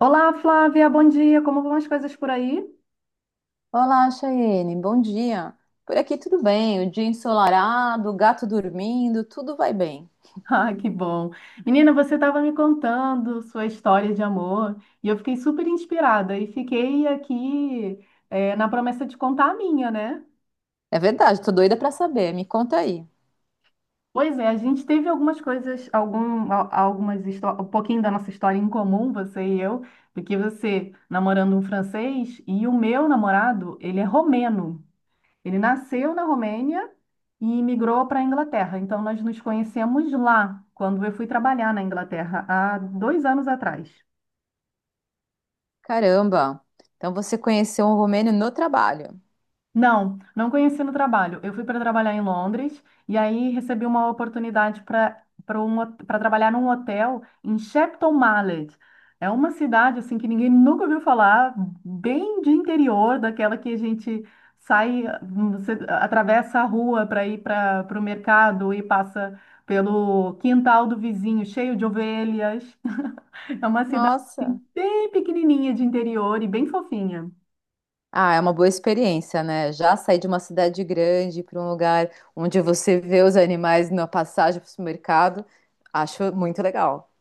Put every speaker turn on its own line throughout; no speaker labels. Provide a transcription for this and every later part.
Olá, Flávia, bom dia. Como vão as coisas por aí?
Olá, Chayene, bom dia. Por aqui tudo bem, o dia ensolarado, o gato dormindo, tudo vai bem.
Ah, que bom. Menina, você estava me contando sua história de amor e eu fiquei super inspirada e fiquei aqui, na promessa de contar a minha, né?
É verdade, tô doida pra saber, me conta aí.
Pois é, a gente teve algumas coisas, algum, al- algumas histó- um pouquinho da nossa história em comum, você e eu, porque você namorando um francês e o meu namorado, ele é romeno. Ele nasceu na Romênia e migrou para a Inglaterra. Então, nós nos conhecemos lá, quando eu fui trabalhar na Inglaterra, há dois anos atrás.
Caramba, então você conheceu um romeno no trabalho.
Não, não conheci no trabalho. Eu fui para trabalhar em Londres e aí recebi uma oportunidade para trabalhar num hotel em Shepton Mallet. É uma cidade assim que ninguém nunca ouviu falar, bem de interior, daquela que a gente sai, você atravessa a rua para ir para o mercado e passa pelo quintal do vizinho, cheio de ovelhas. É uma cidade
Nossa.
assim, bem pequenininha de interior e bem fofinha.
Ah, é uma boa experiência, né? Já sair de uma cidade grande para um lugar onde você vê os animais na passagem para o supermercado, acho muito legal.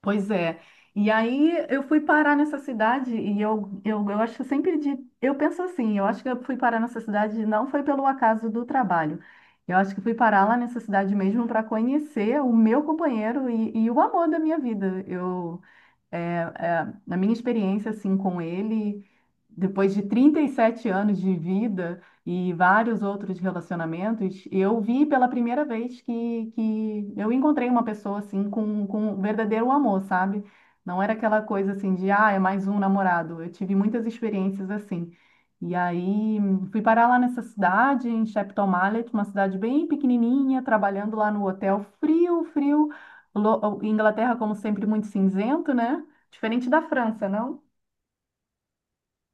Pois é. E aí eu fui parar nessa cidade e eu acho que eu penso assim, eu acho que eu fui parar nessa cidade não foi pelo acaso do trabalho. Eu acho que fui parar lá nessa cidade mesmo para conhecer o meu companheiro e o amor da minha vida. Na minha experiência assim com ele, depois de 37 anos de vida e vários outros relacionamentos, eu vi pela primeira vez que eu encontrei uma pessoa assim com um verdadeiro amor, sabe? Não era aquela coisa assim de, ah, é mais um namorado. Eu tive muitas experiências assim. E aí fui parar lá nessa cidade, em Shepton Mallet, uma cidade bem pequenininha, trabalhando lá no hotel frio, frio. Inglaterra, como sempre, muito cinzento, né? Diferente da França, não?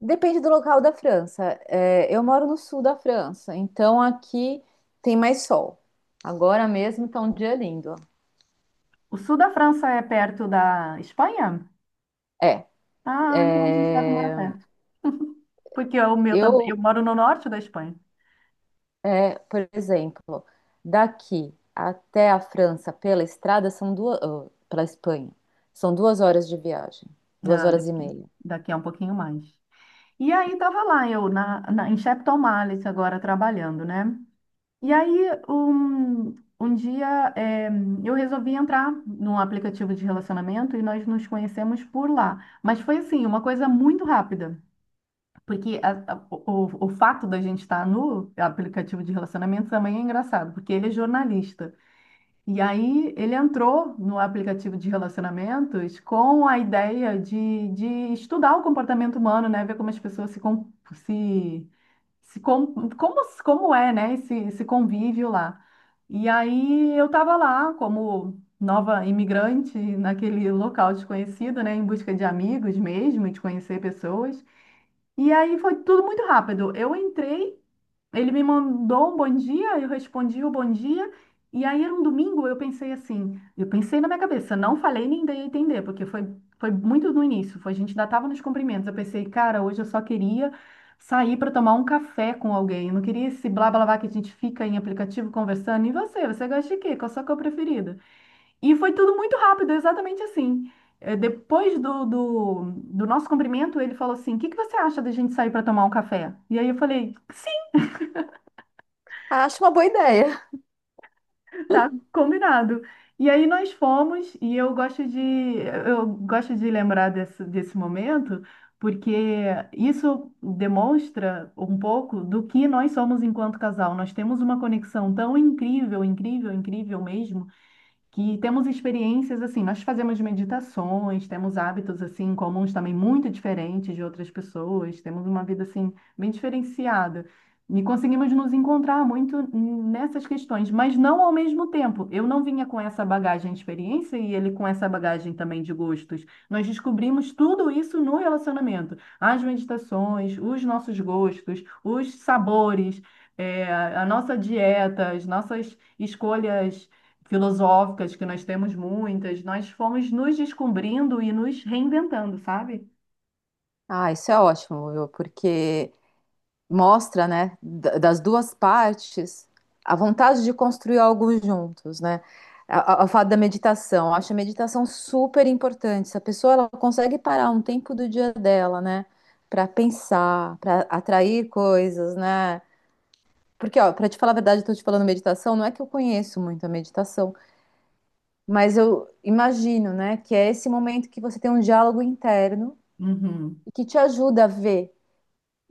Depende do local da França. É, eu moro no sul da França, então aqui tem mais sol. Agora mesmo tá um dia lindo.
O sul da França é perto da Espanha?
É,
Ah, então a gente deve morar
é,
perto. Porque o meu também, eu
eu,
moro no norte da Espanha.
por exemplo, daqui até a França pela estrada são duas, oh, pela Espanha, são 2 horas de viagem, duas
Ah,
horas e meia.
daqui a um pouquinho mais. E aí estava lá eu em Shepton agora trabalhando, né? E aí um, Um dia eu resolvi entrar num aplicativo de relacionamento e nós nos conhecemos por lá. Mas foi assim, uma coisa muito rápida. Porque o fato da gente estar no aplicativo de relacionamento também é engraçado, porque ele é jornalista. E aí ele entrou no aplicativo de relacionamentos com a ideia de estudar o comportamento humano, né? Ver como as pessoas se como é, né? Esse convívio lá. E aí eu estava lá como nova imigrante naquele local desconhecido, né? Em busca de amigos mesmo, e de conhecer pessoas. E aí foi tudo muito rápido. Eu entrei, ele me mandou um bom dia, eu respondi o bom dia. E aí era um domingo, eu pensei assim, eu pensei na minha cabeça, não falei nem dei a entender, porque foi muito no início, foi, a gente ainda estava nos cumprimentos. Eu pensei, cara, hoje eu só queria sair para tomar um café com alguém. Eu não queria esse blá blá blá que a gente fica em aplicativo conversando. E você gosta de quê? Qual a sua cor preferida? E foi tudo muito rápido, exatamente assim. Depois do nosso cumprimento, ele falou assim: O que que você acha da gente sair para tomar um café? E aí eu falei: Sim,
Ah, acho uma boa ideia.
tá combinado. E aí nós fomos, e eu gosto de lembrar desse momento, porque isso demonstra um pouco do que nós somos enquanto casal. Nós temos uma conexão tão incrível, incrível, incrível mesmo que temos experiências assim, nós fazemos meditações, temos hábitos assim comuns também muito diferentes de outras pessoas, temos uma vida assim bem diferenciada. E conseguimos nos encontrar muito nessas questões, mas não ao mesmo tempo. Eu não vinha com essa bagagem de experiência e ele com essa bagagem também de gostos. Nós descobrimos tudo isso no relacionamento. As meditações, os nossos gostos, os sabores, eh, a nossa dieta, as nossas escolhas filosóficas, que nós temos muitas, nós fomos nos descobrindo e nos reinventando, sabe?
Ah, isso é ótimo, viu? Porque mostra, né, das duas partes, a vontade de construir algo juntos, né? O fato da meditação, eu acho a meditação super importante. Se a pessoa ela consegue parar um tempo do dia dela, né, para pensar, para atrair coisas, né? Porque, ó, para te falar a verdade, eu tô te falando meditação, não é que eu conheço muito a meditação, mas eu imagino, né, que é esse momento que você tem um diálogo interno
Uhum,
e que te ajuda a ver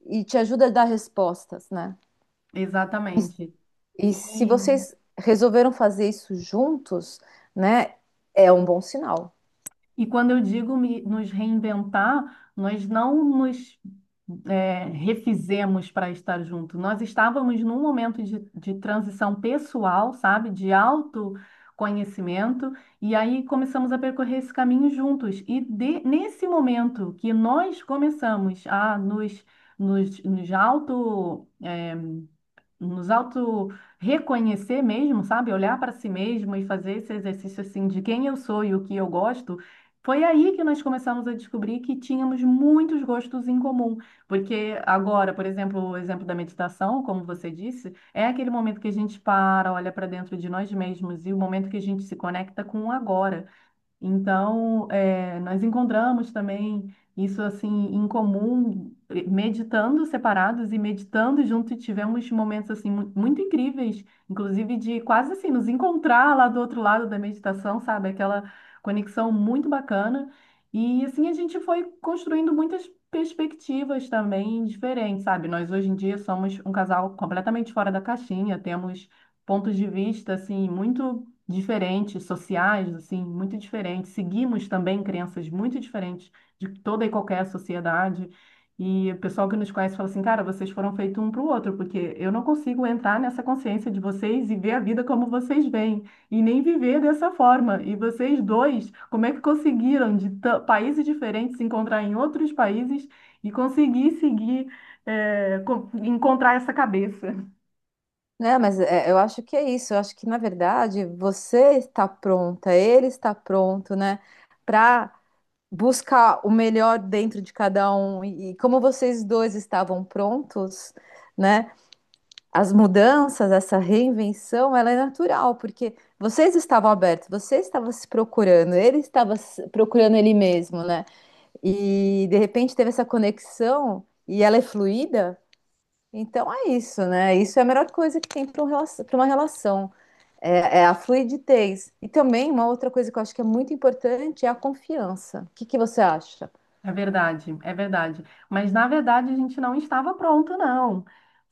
e te ajuda a dar respostas, né? E, se
exatamente.
e, se
E
vocês resolveram fazer isso juntos, né, é um bom sinal,
E quando eu digo nos reinventar, nós não nos é, refizemos para estar junto. Nós estávamos num momento de transição pessoal, sabe? De autoconhecimento. E aí começamos a percorrer esse caminho juntos. E nesse momento que nós começamos a nos, nos, nos auto, é, nos auto reconhecer mesmo, sabe? Olhar para si mesmo e fazer esse exercício assim de quem eu sou e o que eu gosto. Foi aí que nós começamos a descobrir que tínhamos muitos gostos em comum, porque agora, por exemplo, o exemplo da meditação, como você disse, é aquele momento que a gente para, olha para dentro de nós mesmos e o momento que a gente se conecta com o agora. Então, nós encontramos também isso assim em comum, meditando separados e meditando junto, e tivemos momentos assim muito incríveis, inclusive de quase assim nos encontrar lá do outro lado da meditação, sabe? Aquela conexão muito bacana. E assim a gente foi construindo muitas perspectivas também diferentes, sabe? Nós hoje em dia somos um casal completamente fora da caixinha, temos pontos de vista assim muito diferentes, sociais, assim, muito diferentes. Seguimos também crenças muito diferentes de toda e qualquer sociedade. E o pessoal que nos conhece fala assim, cara, vocês foram feitos um para o outro, porque eu não consigo entrar nessa consciência de vocês e ver a vida como vocês veem, e nem viver dessa forma. E vocês dois, como é que conseguiram de países diferentes se encontrar em outros países e conseguir seguir, encontrar essa cabeça?
né? Mas é, eu acho que é isso. Eu acho que na verdade você está pronta, ele está pronto, né, para buscar o melhor dentro de cada um. E como vocês dois estavam prontos, né? As mudanças, essa reinvenção, ela é natural, porque vocês estavam abertos, você estava se procurando, ele estava procurando ele mesmo, né? E de repente teve essa conexão e ela é fluida. Então é isso, né? Isso é a melhor coisa que tem para uma relação. É, é a fluidez. E também uma outra coisa que eu acho que é muito importante é a confiança. O que que você acha?
É verdade, é verdade. Mas na verdade a gente não estava pronto, não.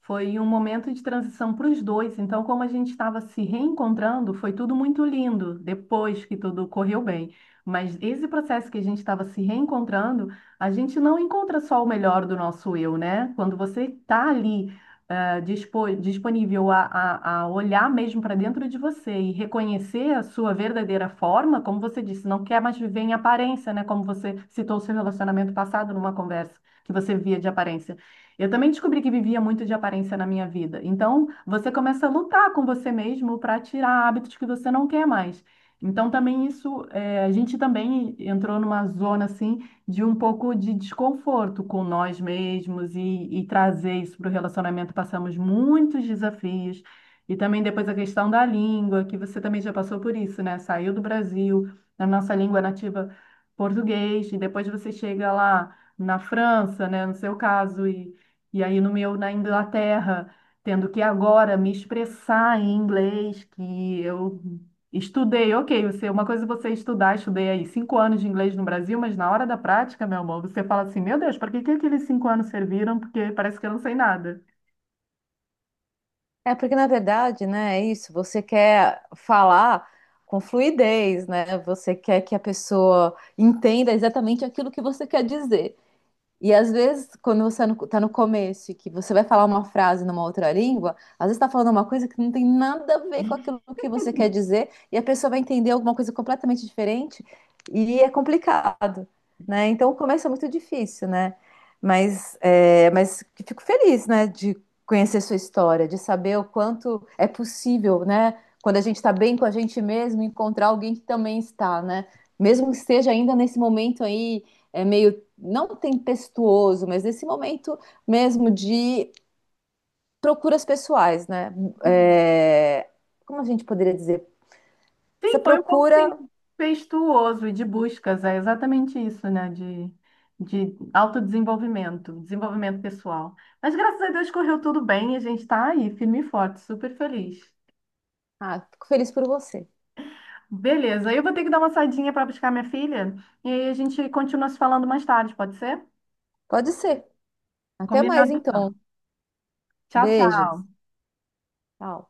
Foi um momento de transição para os dois. Então, como a gente estava se reencontrando, foi tudo muito lindo depois que tudo correu bem. Mas esse processo que a gente estava se reencontrando, a gente não encontra só o melhor do nosso eu, né? Quando você está ali ah, disponível a olhar mesmo para dentro de você e reconhecer a sua verdadeira forma, como você disse, não quer mais viver em aparência, né? Como você citou o seu relacionamento passado numa conversa que você via de aparência. Eu também descobri que vivia muito de aparência na minha vida. Então, você começa a lutar com você mesmo para tirar hábitos que você não quer mais. Então, também isso, a gente também entrou numa zona assim de um pouco de desconforto com nós mesmos e trazer isso para o relacionamento. Passamos muitos desafios. E também depois a questão da língua, que você também já passou por isso, né? Saiu do Brasil, na nossa língua nativa português, e depois você chega lá na França, né? No seu caso, e aí no meu, na Inglaterra, tendo que agora me expressar em inglês, que eu estudei, ok, você, uma coisa é você estudar, estudei aí 5 anos de inglês no Brasil, mas na hora da prática, meu amor, você fala assim, meu Deus, para que que aqueles 5 anos serviram? Porque parece que eu não sei nada.
É porque na verdade, né, é isso, você quer falar com fluidez, né? Você quer que a pessoa entenda exatamente aquilo que você quer dizer. E às vezes, quando você está no começo e que você vai falar uma frase numa outra língua, às vezes está falando uma coisa que não tem nada a ver com aquilo que você quer dizer, e a pessoa vai entender alguma coisa completamente diferente, e é complicado, né? Então o começo é muito difícil, né? Mas, é, mas fico feliz, né, de conhecer sua história, de saber o quanto é possível, né? Quando a gente está bem com a gente mesmo, encontrar alguém que também está, né? Mesmo que esteja ainda nesse momento aí é meio não tempestuoso, mas nesse momento mesmo de procuras pessoais, né?
Uhum.
É, como a gente poderia dizer? Essa
Sim, foi um pouco
procura.
tempestuoso e de buscas, é exatamente isso, né? De autodesenvolvimento, desenvolvimento pessoal. Mas graças a Deus correu tudo bem e a gente tá aí, firme e forte, super feliz.
Ah, fico feliz por você.
Beleza, eu vou ter que dar uma saidinha para buscar minha filha e aí a gente continua se falando mais tarde, pode ser?
Pode ser. Até mais,
Combinado,
então.
então. Tchau,
Beijos.
tchau.
Tchau.